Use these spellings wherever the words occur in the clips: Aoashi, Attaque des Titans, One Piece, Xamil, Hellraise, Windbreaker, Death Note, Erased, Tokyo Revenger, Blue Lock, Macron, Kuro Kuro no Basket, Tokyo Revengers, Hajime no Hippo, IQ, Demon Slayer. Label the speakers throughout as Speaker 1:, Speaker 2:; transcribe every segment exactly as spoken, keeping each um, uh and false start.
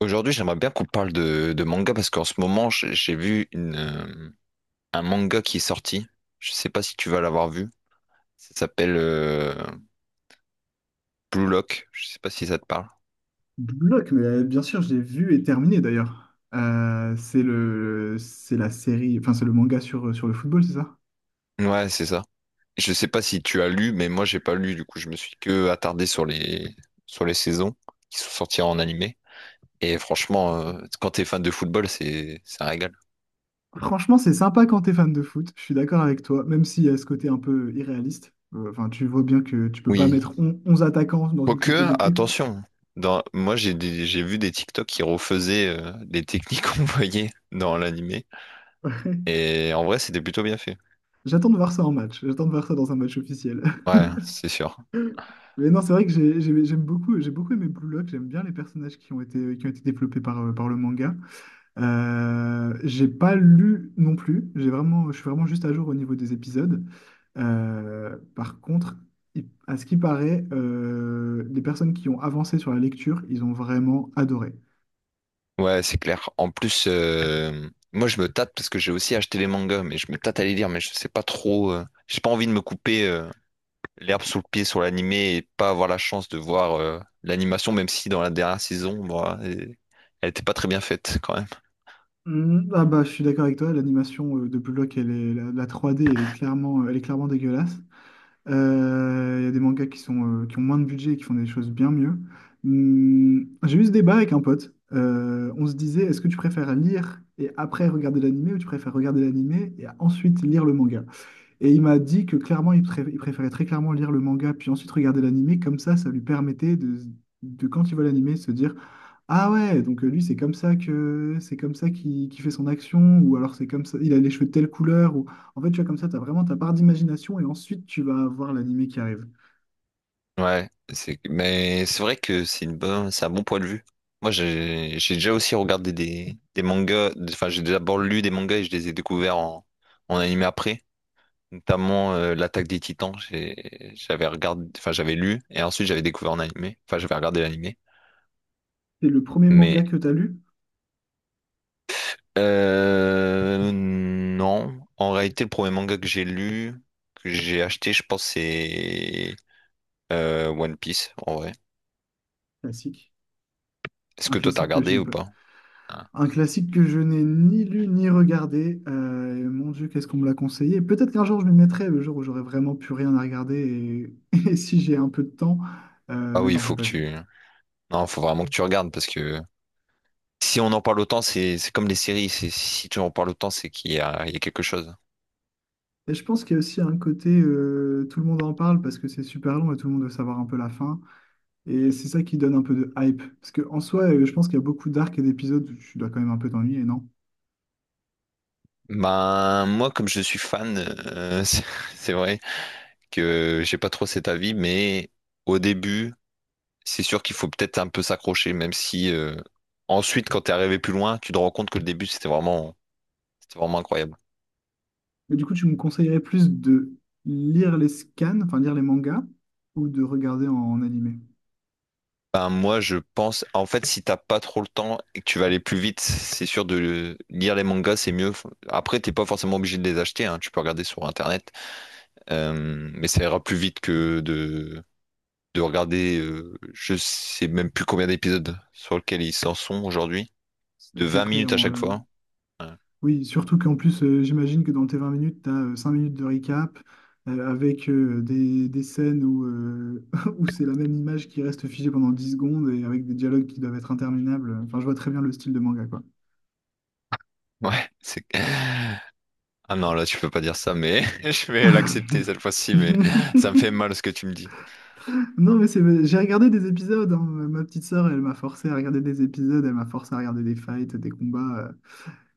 Speaker 1: Aujourd'hui, j'aimerais bien qu'on parle de, de manga parce qu'en ce moment, j'ai j'ai vu une, euh, un manga qui est sorti. Je sais pas si tu vas l'avoir vu. Ça s'appelle euh, Blue Lock. Je sais pas si ça te parle.
Speaker 2: Block, mais euh, bien sûr, je l'ai vu et terminé d'ailleurs. Euh, c'est le, c'est la série, enfin c'est le manga sur, euh, sur le football, c'est ça?
Speaker 1: Ouais, c'est ça. Je sais pas si tu as lu, mais moi j'ai pas lu. Du coup, je me suis que attardé sur les sur les saisons qui sont sorties en animé. Et franchement, euh, quand t'es fan de football, c'est c'est un régal.
Speaker 2: Franchement, c'est sympa quand t'es fan de foot. Je suis d'accord avec toi, même s'il y a ce côté un peu irréaliste. Euh, Enfin, tu vois bien que tu peux pas
Speaker 1: Oui.
Speaker 2: mettre on- onze attaquants dans une compo
Speaker 1: Quoique,
Speaker 2: d'équipe.
Speaker 1: attention. Dans, moi, j'ai des- j'ai vu des TikTok qui refaisaient euh, les techniques qu'on voyait dans l'animé.
Speaker 2: Ouais.
Speaker 1: Et en vrai, c'était plutôt bien fait.
Speaker 2: J'attends de voir ça en match. J'attends de voir ça dans un match officiel.
Speaker 1: Ouais, c'est sûr.
Speaker 2: Mais non, c'est vrai que j'ai- j'ai- j'aime beaucoup, j'ai beaucoup aimé Blue Lock. J'aime bien les personnages qui ont été, qui ont été développés par, euh, par le manga. Euh, j'ai pas lu non plus. J'ai vraiment, je suis vraiment juste à jour au niveau des épisodes. Euh, par contre, il- à ce qui paraît, euh, les personnes qui ont avancé sur la lecture, ils ont vraiment adoré.
Speaker 1: Ouais, c'est clair. En plus, euh, moi, je me tâte parce que j'ai aussi acheté les mangas, mais je me tâte à les lire, mais je sais pas trop. euh, J'ai pas envie de me couper euh, l'herbe sous le pied sur l'animé et pas avoir la chance de voir euh, l'animation, même si dans la dernière saison, moi, elle elle était pas très bien faite quand même.
Speaker 2: Mm, ah bah, je suis d'accord avec toi. L'animation euh, de Block, elle est, la, la trois D, elle est clairement, elle est clairement dégueulasse. Euh, Il y a des mangas qui sont, euh, qui ont moins de budget et qui font des choses bien mieux. Hmm, j'ai eu ce débat avec un pote. Euh, on se disait, est-ce que tu préfères lire et après regarder l'animé ou tu préfères regarder l'animé et ensuite lire le manga? Et il m'a dit que clairement, il, pré- il préférait très clairement lire le manga puis ensuite regarder l'animé. Comme ça, ça lui permettait de, de quand il voit l'animé, se dire. Ah ouais, donc euh, lui, c'est comme ça que c'est comme ça qu'il qu'il fait son action, ou alors c'est comme ça, il a les cheveux de telle couleur, ou en fait, tu vois, comme ça, tu as vraiment ta part d'imagination, et ensuite, tu vas avoir l'animé qui arrive.
Speaker 1: Ouais, c'est mais c'est vrai que c'est une bonne, c'est un bon point de vue. Moi, j'ai j'ai déjà aussi regardé des, des mangas, enfin, j'ai d'abord lu des mangas et je les ai découverts en, en animé après. Notamment euh, l'attaque des Titans, j'ai- j'avais regardé, enfin j'avais lu et ensuite j'avais découvert en animé, enfin j'avais regardé l'animé.
Speaker 2: C'est le premier
Speaker 1: Mais
Speaker 2: manga que tu as lu?
Speaker 1: euh, non, en réalité le premier manga que j'ai lu, que j'ai acheté, je pense c'est euh, One Piece en vrai.
Speaker 2: Classique,
Speaker 1: Est-ce
Speaker 2: un
Speaker 1: que toi t'as
Speaker 2: classique que je
Speaker 1: regardé
Speaker 2: n'ai
Speaker 1: ou
Speaker 2: pas,
Speaker 1: pas? Ah.
Speaker 2: un classique que je n'ai ni lu ni regardé. euh, et mon Dieu, qu'est-ce qu'on me l'a conseillé. Peut-être qu'un jour, je m'y mettrai, le jour où j'aurai vraiment plus rien à regarder, et, et si j'ai un peu de temps, euh,
Speaker 1: Ah
Speaker 2: mais
Speaker 1: oui, il
Speaker 2: non, j'ai
Speaker 1: faut que
Speaker 2: pas vu.
Speaker 1: tu, non, faut vraiment que tu regardes parce que si on en parle autant, c'est c'est comme les séries, c'est si tu en parles autant, c'est qu'il y a, il y a quelque chose.
Speaker 2: Et je pense qu'il y a aussi un côté, euh, tout le monde en parle parce que c'est super long et tout le monde veut savoir un peu la fin. Et c'est ça qui donne un peu de hype. Parce que en soi, euh, je pense qu'il y a beaucoup d'arcs et d'épisodes où tu dois quand même un peu t'ennuyer, non?
Speaker 1: Ben moi comme je suis fan, euh, c'est c'est vrai. Que j'ai pas trop cet avis, mais au début, c'est sûr qu'il faut peut-être un peu s'accrocher, même si euh, ensuite, quand t'es arrivé plus loin, tu te rends compte que le début, c'était vraiment, c'était vraiment incroyable.
Speaker 2: Mais du coup, tu me conseillerais plus de lire les scans, enfin lire les mangas, ou de regarder en, en animé.
Speaker 1: Ben, moi, je pense, en fait, si t'as pas trop le temps et que tu vas aller plus vite, c'est sûr de lire les mangas, c'est mieux. Après, t'es pas forcément obligé de les acheter, hein, tu peux regarder sur Internet, euh, mais ça ira plus vite que de, de regarder, euh, je sais même plus combien d'épisodes sur lesquels ils s'en sont aujourd'hui,
Speaker 2: Ça va
Speaker 1: de
Speaker 2: être
Speaker 1: vingt minutes à
Speaker 2: effrayant.
Speaker 1: chaque
Speaker 2: euh.
Speaker 1: fois, hein.
Speaker 2: Oui, surtout qu'en plus, euh, j'imagine que dans tes vingt minutes, tu as cinq minutes de recap euh, avec euh, des, des scènes où, euh, où c'est la même image qui reste figée pendant dix secondes et avec des dialogues qui doivent être interminables. Enfin, je vois très bien le style de manga, quoi.
Speaker 1: Ouais, c'est... Ah non, là, tu peux pas dire ça, mais je vais l'accepter cette fois-ci, mais ça me fait mal ce que tu me dis.
Speaker 2: Non, mais c'est... j'ai regardé des épisodes, hein. Ma petite sœur, elle m'a forcé à regarder des épisodes, elle m'a forcé à regarder des fights, des combats.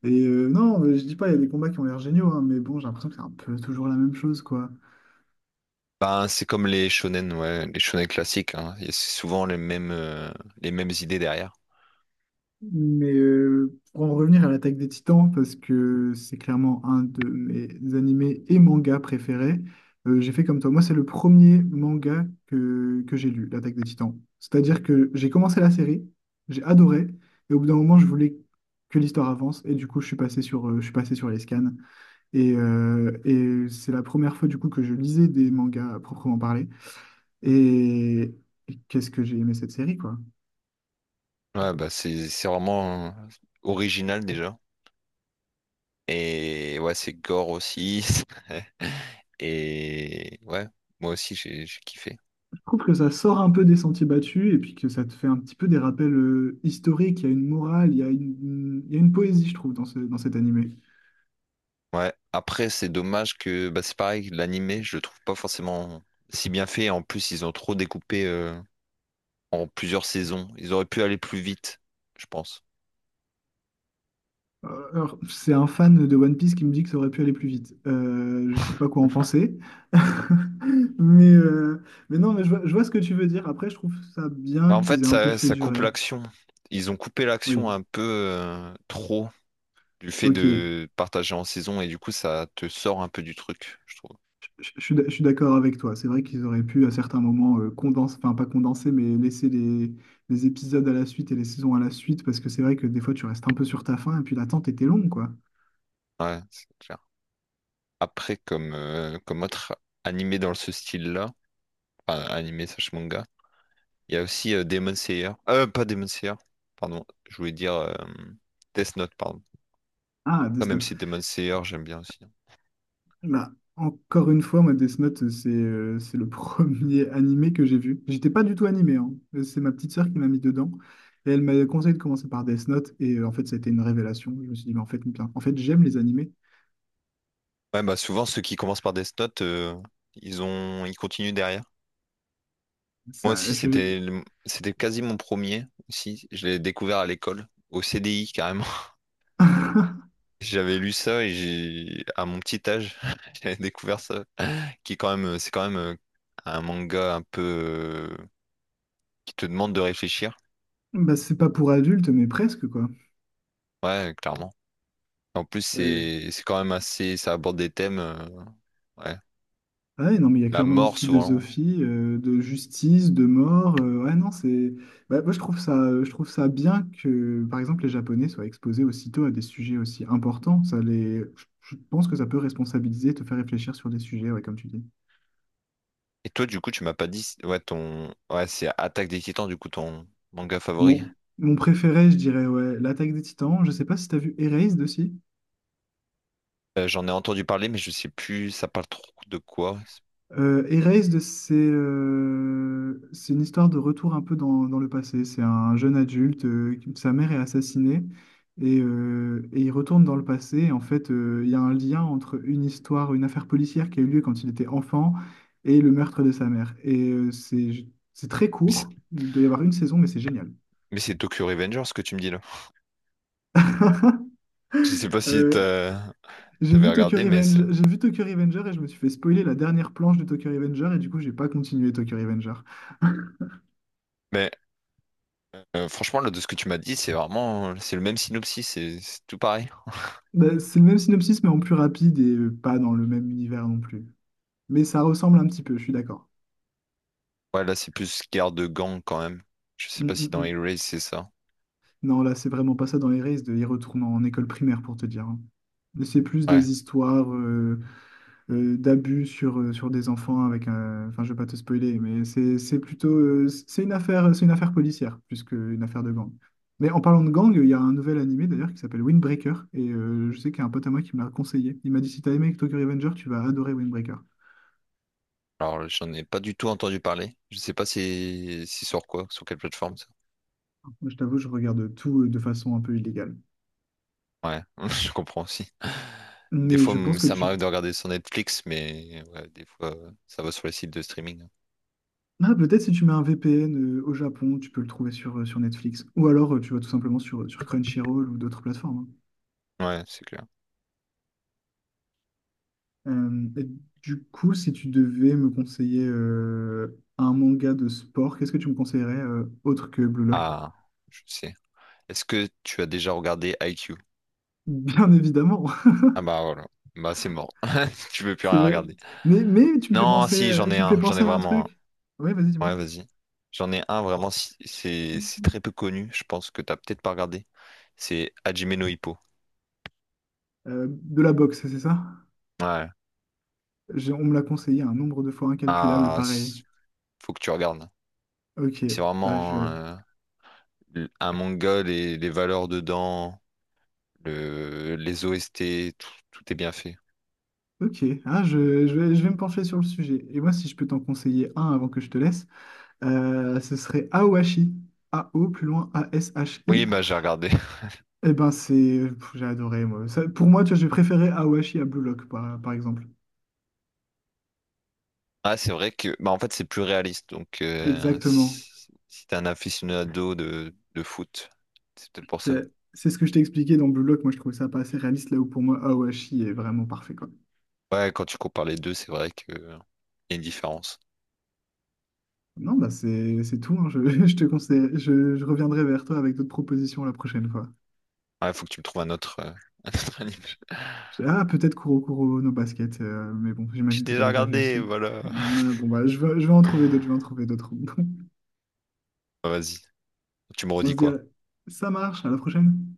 Speaker 2: euh. Et euh, non, je dis pas, il y a des combats qui ont l'air géniaux, hein, mais bon, j'ai l'impression que c'est un peu toujours la même chose, quoi.
Speaker 1: Ben, c'est comme les shonen, ouais, les shonen classiques, hein. Il y a souvent les mêmes, euh, les mêmes idées derrière.
Speaker 2: Mais euh, pour en revenir à l'attaque des Titans, parce que c'est clairement un de mes animés et mangas préférés, euh, j'ai fait comme toi. Moi, c'est le premier manga que, que j'ai lu, l'attaque des Titans. C'est-à-dire que j'ai commencé la série, j'ai adoré, et au bout d'un moment, je voulais que l'histoire avance, et du coup, je suis passé sur, euh, je suis passé sur les scans. Et, euh, et c'est la première fois, du coup, que je lisais des mangas à proprement parler. Et, et qu'est-ce que j'ai aimé cette série, quoi.
Speaker 1: Ouais, bah, c'est, c'est vraiment euh, original déjà. Et ouais, c'est gore aussi. Et ouais, moi aussi, j'ai, j'ai kiffé.
Speaker 2: Je trouve que ça sort un peu des sentiers battus et puis que ça te fait un petit peu des rappels euh, historiques. Il y a une morale, il y a une, une- il y a une poésie, je trouve, dans ce, dans cet animé.
Speaker 1: Ouais, après, c'est dommage que, bah, c'est pareil, l'animé, je le trouve pas forcément si bien fait. En plus, ils ont trop découpé, euh, en plusieurs saisons. Ils auraient pu aller plus vite, je pense.
Speaker 2: Euh, alors, c'est un fan de One Piece qui me dit que ça aurait pu aller plus vite. Euh, je sais pas quoi en penser. Mais, euh, mais non, mais je vois, je vois ce que tu veux dire. Après, je trouve ça
Speaker 1: Bah,
Speaker 2: bien
Speaker 1: en
Speaker 2: qu'ils
Speaker 1: fait,
Speaker 2: aient un peu
Speaker 1: ça,
Speaker 2: fait
Speaker 1: ça coupe
Speaker 2: durer.
Speaker 1: l'action. Ils ont coupé l'action
Speaker 2: Oui,
Speaker 1: un peu euh, trop du fait
Speaker 2: ok.
Speaker 1: de partager en saison et du coup, ça te sort un peu du truc, je trouve.
Speaker 2: Je je suis d'ac- je suis d'accord avec toi. C'est vrai qu'ils auraient pu à certains moments euh, condenser, enfin pas condenser, mais laisser les, les épisodes à la suite et les saisons à la suite, parce que c'est vrai que des fois tu restes un peu sur ta faim et puis l'attente était longue, quoi.
Speaker 1: Ouais, c'est clair. Après, comme, euh, comme autre animé dans ce style-là, enfin, animé slash manga, il y a aussi euh, Demon Slayer. Euh, pas Demon Slayer, pardon, je voulais dire euh, Death Note, pardon.
Speaker 2: Ah,
Speaker 1: Ah,
Speaker 2: Death
Speaker 1: même
Speaker 2: Note.
Speaker 1: si Demon Slayer, j'aime bien aussi, hein.
Speaker 2: Bah, encore une fois, moi, Death Note, c'est euh, c'est le premier animé que j'ai vu. J'étais pas du tout animé, hein. Euh, C'est ma petite sœur qui m'a mis dedans. Et elle m'a conseillé de commencer par Death Note, et euh, en fait, ça a été une révélation. Je me suis dit, mais en fait, bien, en fait, j'aime les animés.
Speaker 1: Ouais, bah souvent ceux qui commencent par Death Note, euh, ils ont, ils continuent derrière. Moi
Speaker 2: Ça,
Speaker 1: aussi,
Speaker 2: je...
Speaker 1: c'était, le- c'était quasi mon premier aussi. Je l'ai découvert à l'école, au C D I carrément. J'avais lu ça et j'ai, à mon petit âge, j'avais découvert ça, qui est quand même, c'est quand même euh, un manga un peu euh, qui te demande de réfléchir.
Speaker 2: bah, c'est pas pour adultes, mais presque, quoi.
Speaker 1: Ouais, clairement. En plus,
Speaker 2: C'est-
Speaker 1: c'est c'est quand même assez, ça aborde des thèmes, euh, ouais,
Speaker 2: Ouais, non, mais il y a
Speaker 1: la
Speaker 2: clairement une
Speaker 1: mort souvent.
Speaker 2: philosophie euh, de justice, de mort. Euh, ouais, non, c'est. Bah, moi, je trouve ça, euh, je trouve ça bien que, par exemple, les Japonais soient exposés aussitôt à des sujets aussi importants. Ça les... Je je pense que ça peut responsabiliser, te faire réfléchir sur des sujets, ouais, comme tu dis.
Speaker 1: Et toi, du coup, tu m'as pas dit, si, ouais, ton, ouais, c'est Attaque des Titans, du coup, ton manga favori.
Speaker 2: Mon, mon préféré, je dirais, ouais, l'attaque des Titans. Je sais pas si tu as vu Erased aussi.
Speaker 1: Euh, j'en ai entendu parler, mais je sais plus, ça parle trop de quoi.
Speaker 2: Euh, Erased, c'est euh, c'est une histoire de retour un peu dans, dans le passé. C'est un jeune adulte, euh, qui- sa mère est assassinée et, euh, et il retourne dans le passé. Et en fait, euh, il y a un lien entre une histoire, une affaire policière qui a eu lieu quand il était enfant et le meurtre de sa mère. Et euh, c'est c'est très
Speaker 1: Mais c'est
Speaker 2: court. Il doit y avoir une saison, mais c'est génial.
Speaker 1: mais c'est Tokyo Revengers ce que tu me dis là. Je sais pas si
Speaker 2: Euh,
Speaker 1: t'as-
Speaker 2: j'ai
Speaker 1: t'avais
Speaker 2: vu Tokyo
Speaker 1: regardé, mais c'est,
Speaker 2: Revenge, j'ai vu Tokyo Revenger et je me suis fait spoiler la dernière planche de Tokyo Revenger et du coup, j'ai pas continué Tokyo Revenger.
Speaker 1: mais euh, franchement, là, de ce que tu m'as dit, c'est vraiment, c'est le même synopsis, c'est c'est tout pareil.
Speaker 2: Bah, c'est le même synopsis, mais en plus rapide et euh, pas dans le même univers non plus. Mais ça ressemble un petit peu, je suis d'accord.
Speaker 1: Ouais, là, c'est plus guerre de gang quand même. Je sais
Speaker 2: Mm,
Speaker 1: pas si
Speaker 2: mm,
Speaker 1: dans
Speaker 2: mm.
Speaker 1: Hellraise, c'est ça.
Speaker 2: Non, là, c'est vraiment pas ça dans les races, de y retourner en école primaire pour te dire, hein. C'est plus
Speaker 1: Ouais.
Speaker 2: des histoires euh, euh, d'abus sur, euh, sur des enfants avec un... Enfin, je vais pas te spoiler, mais c'est c'est plutôt... euh, c'est une affaire, c'est une affaire policière, plus qu'une affaire de gang. Mais en parlant de gang, il y a un nouvel animé d'ailleurs qui s'appelle Windbreaker, et euh, je sais qu'il y a un pote à moi qui me l'a conseillé. Il m'a dit, si t'as aimé Tokyo Revenger, tu vas adorer Windbreaker.
Speaker 1: Alors, j'en ai pas du tout entendu parler. Je sais pas si c'est sur quoi, sur quelle plateforme ça.
Speaker 2: Je t'avoue, je regarde tout euh, de façon un peu illégale.
Speaker 1: Ouais, je comprends aussi. Des
Speaker 2: Mais
Speaker 1: fois,
Speaker 2: je pense
Speaker 1: m-
Speaker 2: que
Speaker 1: ça
Speaker 2: tu...
Speaker 1: m'arrive de regarder sur Netflix, mais ouais, des fois, ça va sur les sites de streaming.
Speaker 2: Ah, peut-être si tu mets un V P N euh, au Japon, tu peux le trouver sur, euh, sur Netflix. Ou alors, euh, tu vas tout simplement sur, euh, sur Crunchyroll ou d'autres plateformes.
Speaker 1: Ouais, c'est clair.
Speaker 2: Hein. Euh, et du coup, si tu devais me conseiller euh, un manga de sport, qu'est-ce que tu me conseillerais euh, autre que Blue Lock?
Speaker 1: Ah, je sais. Est-ce que tu as déjà regardé I Q?
Speaker 2: Bien évidemment,
Speaker 1: Ah bah voilà. Bah c'est mort. Tu veux plus
Speaker 2: c'est
Speaker 1: rien
Speaker 2: vrai.
Speaker 1: regarder.
Speaker 2: Mais, mais tu me fais
Speaker 1: Non,
Speaker 2: penser,
Speaker 1: si, j'en
Speaker 2: euh,
Speaker 1: ai
Speaker 2: tu me fais
Speaker 1: un. J'en ai
Speaker 2: penser à un
Speaker 1: vraiment un.
Speaker 2: truc. Oui, vas-y, dis-moi.
Speaker 1: Ouais, vas-y. J'en ai un vraiment, si- c'est c'est très peu connu. Je pense que t'as peut-être pas regardé. C'est Hajime no Hippo.
Speaker 2: Euh, de la boxe, c'est ça?
Speaker 1: Ouais.
Speaker 2: J'ai- on me l'a conseillé un nombre de fois incalculable,
Speaker 1: Ah,
Speaker 2: pareil.
Speaker 1: faut que tu regardes.
Speaker 2: Ok,
Speaker 1: C'est
Speaker 2: bah, je
Speaker 1: vraiment
Speaker 2: vais...
Speaker 1: euh, un manga, les, les valeurs dedans, le, les O S T, tout, tout est bien fait.
Speaker 2: Ok, hein, je, je vais, je vais me pencher sur le sujet. Et moi, si je peux t'en conseiller un avant que je te laisse, euh, ce serait Aoashi. A-O, plus loin,
Speaker 1: Oui,
Speaker 2: A-S-H-I.
Speaker 1: bah j'ai regardé.
Speaker 2: Eh ben, c'est... pff, j'ai adoré, moi. Ça- pour moi, tu vois, j'ai préféré Aoashi à Blue Lock, par, par exemple.
Speaker 1: Ah, c'est vrai que bah en fait c'est plus réaliste. Donc euh,
Speaker 2: Exactement.
Speaker 1: si, si t'es un aficionado de, de foot, c'est peut-être pour ça.
Speaker 2: C'est c'est ce que je t'ai expliqué dans Blue Lock. Moi, je trouvais ça pas assez réaliste, là où pour moi, Aoashi est vraiment parfait, quoi.
Speaker 1: Ouais, quand tu compares les deux, c'est vrai que euh, y a une différence.
Speaker 2: Non, bah, c'est c'est tout, hein. Je, je te conseille... Je, je reviendrai vers toi avec d'autres propositions la prochaine fois.
Speaker 1: Ouais, faut que tu me trouves un autre, euh, un autre animé.
Speaker 2: Je- Ah, peut-être Kuro Kuro no Basket, euh, mais bon,
Speaker 1: J'ai
Speaker 2: j'imagine que tu as
Speaker 1: déjà
Speaker 2: déjà vu
Speaker 1: regardé,
Speaker 2: aussi.
Speaker 1: voilà.
Speaker 2: Ah, bon, bah, je vais, je vais en trouver d'autres, je vais en trouver d'autres.
Speaker 1: Ah, vas-y, tu me
Speaker 2: on
Speaker 1: redis
Speaker 2: se dit,
Speaker 1: quoi?
Speaker 2: à- ça marche, à la prochaine.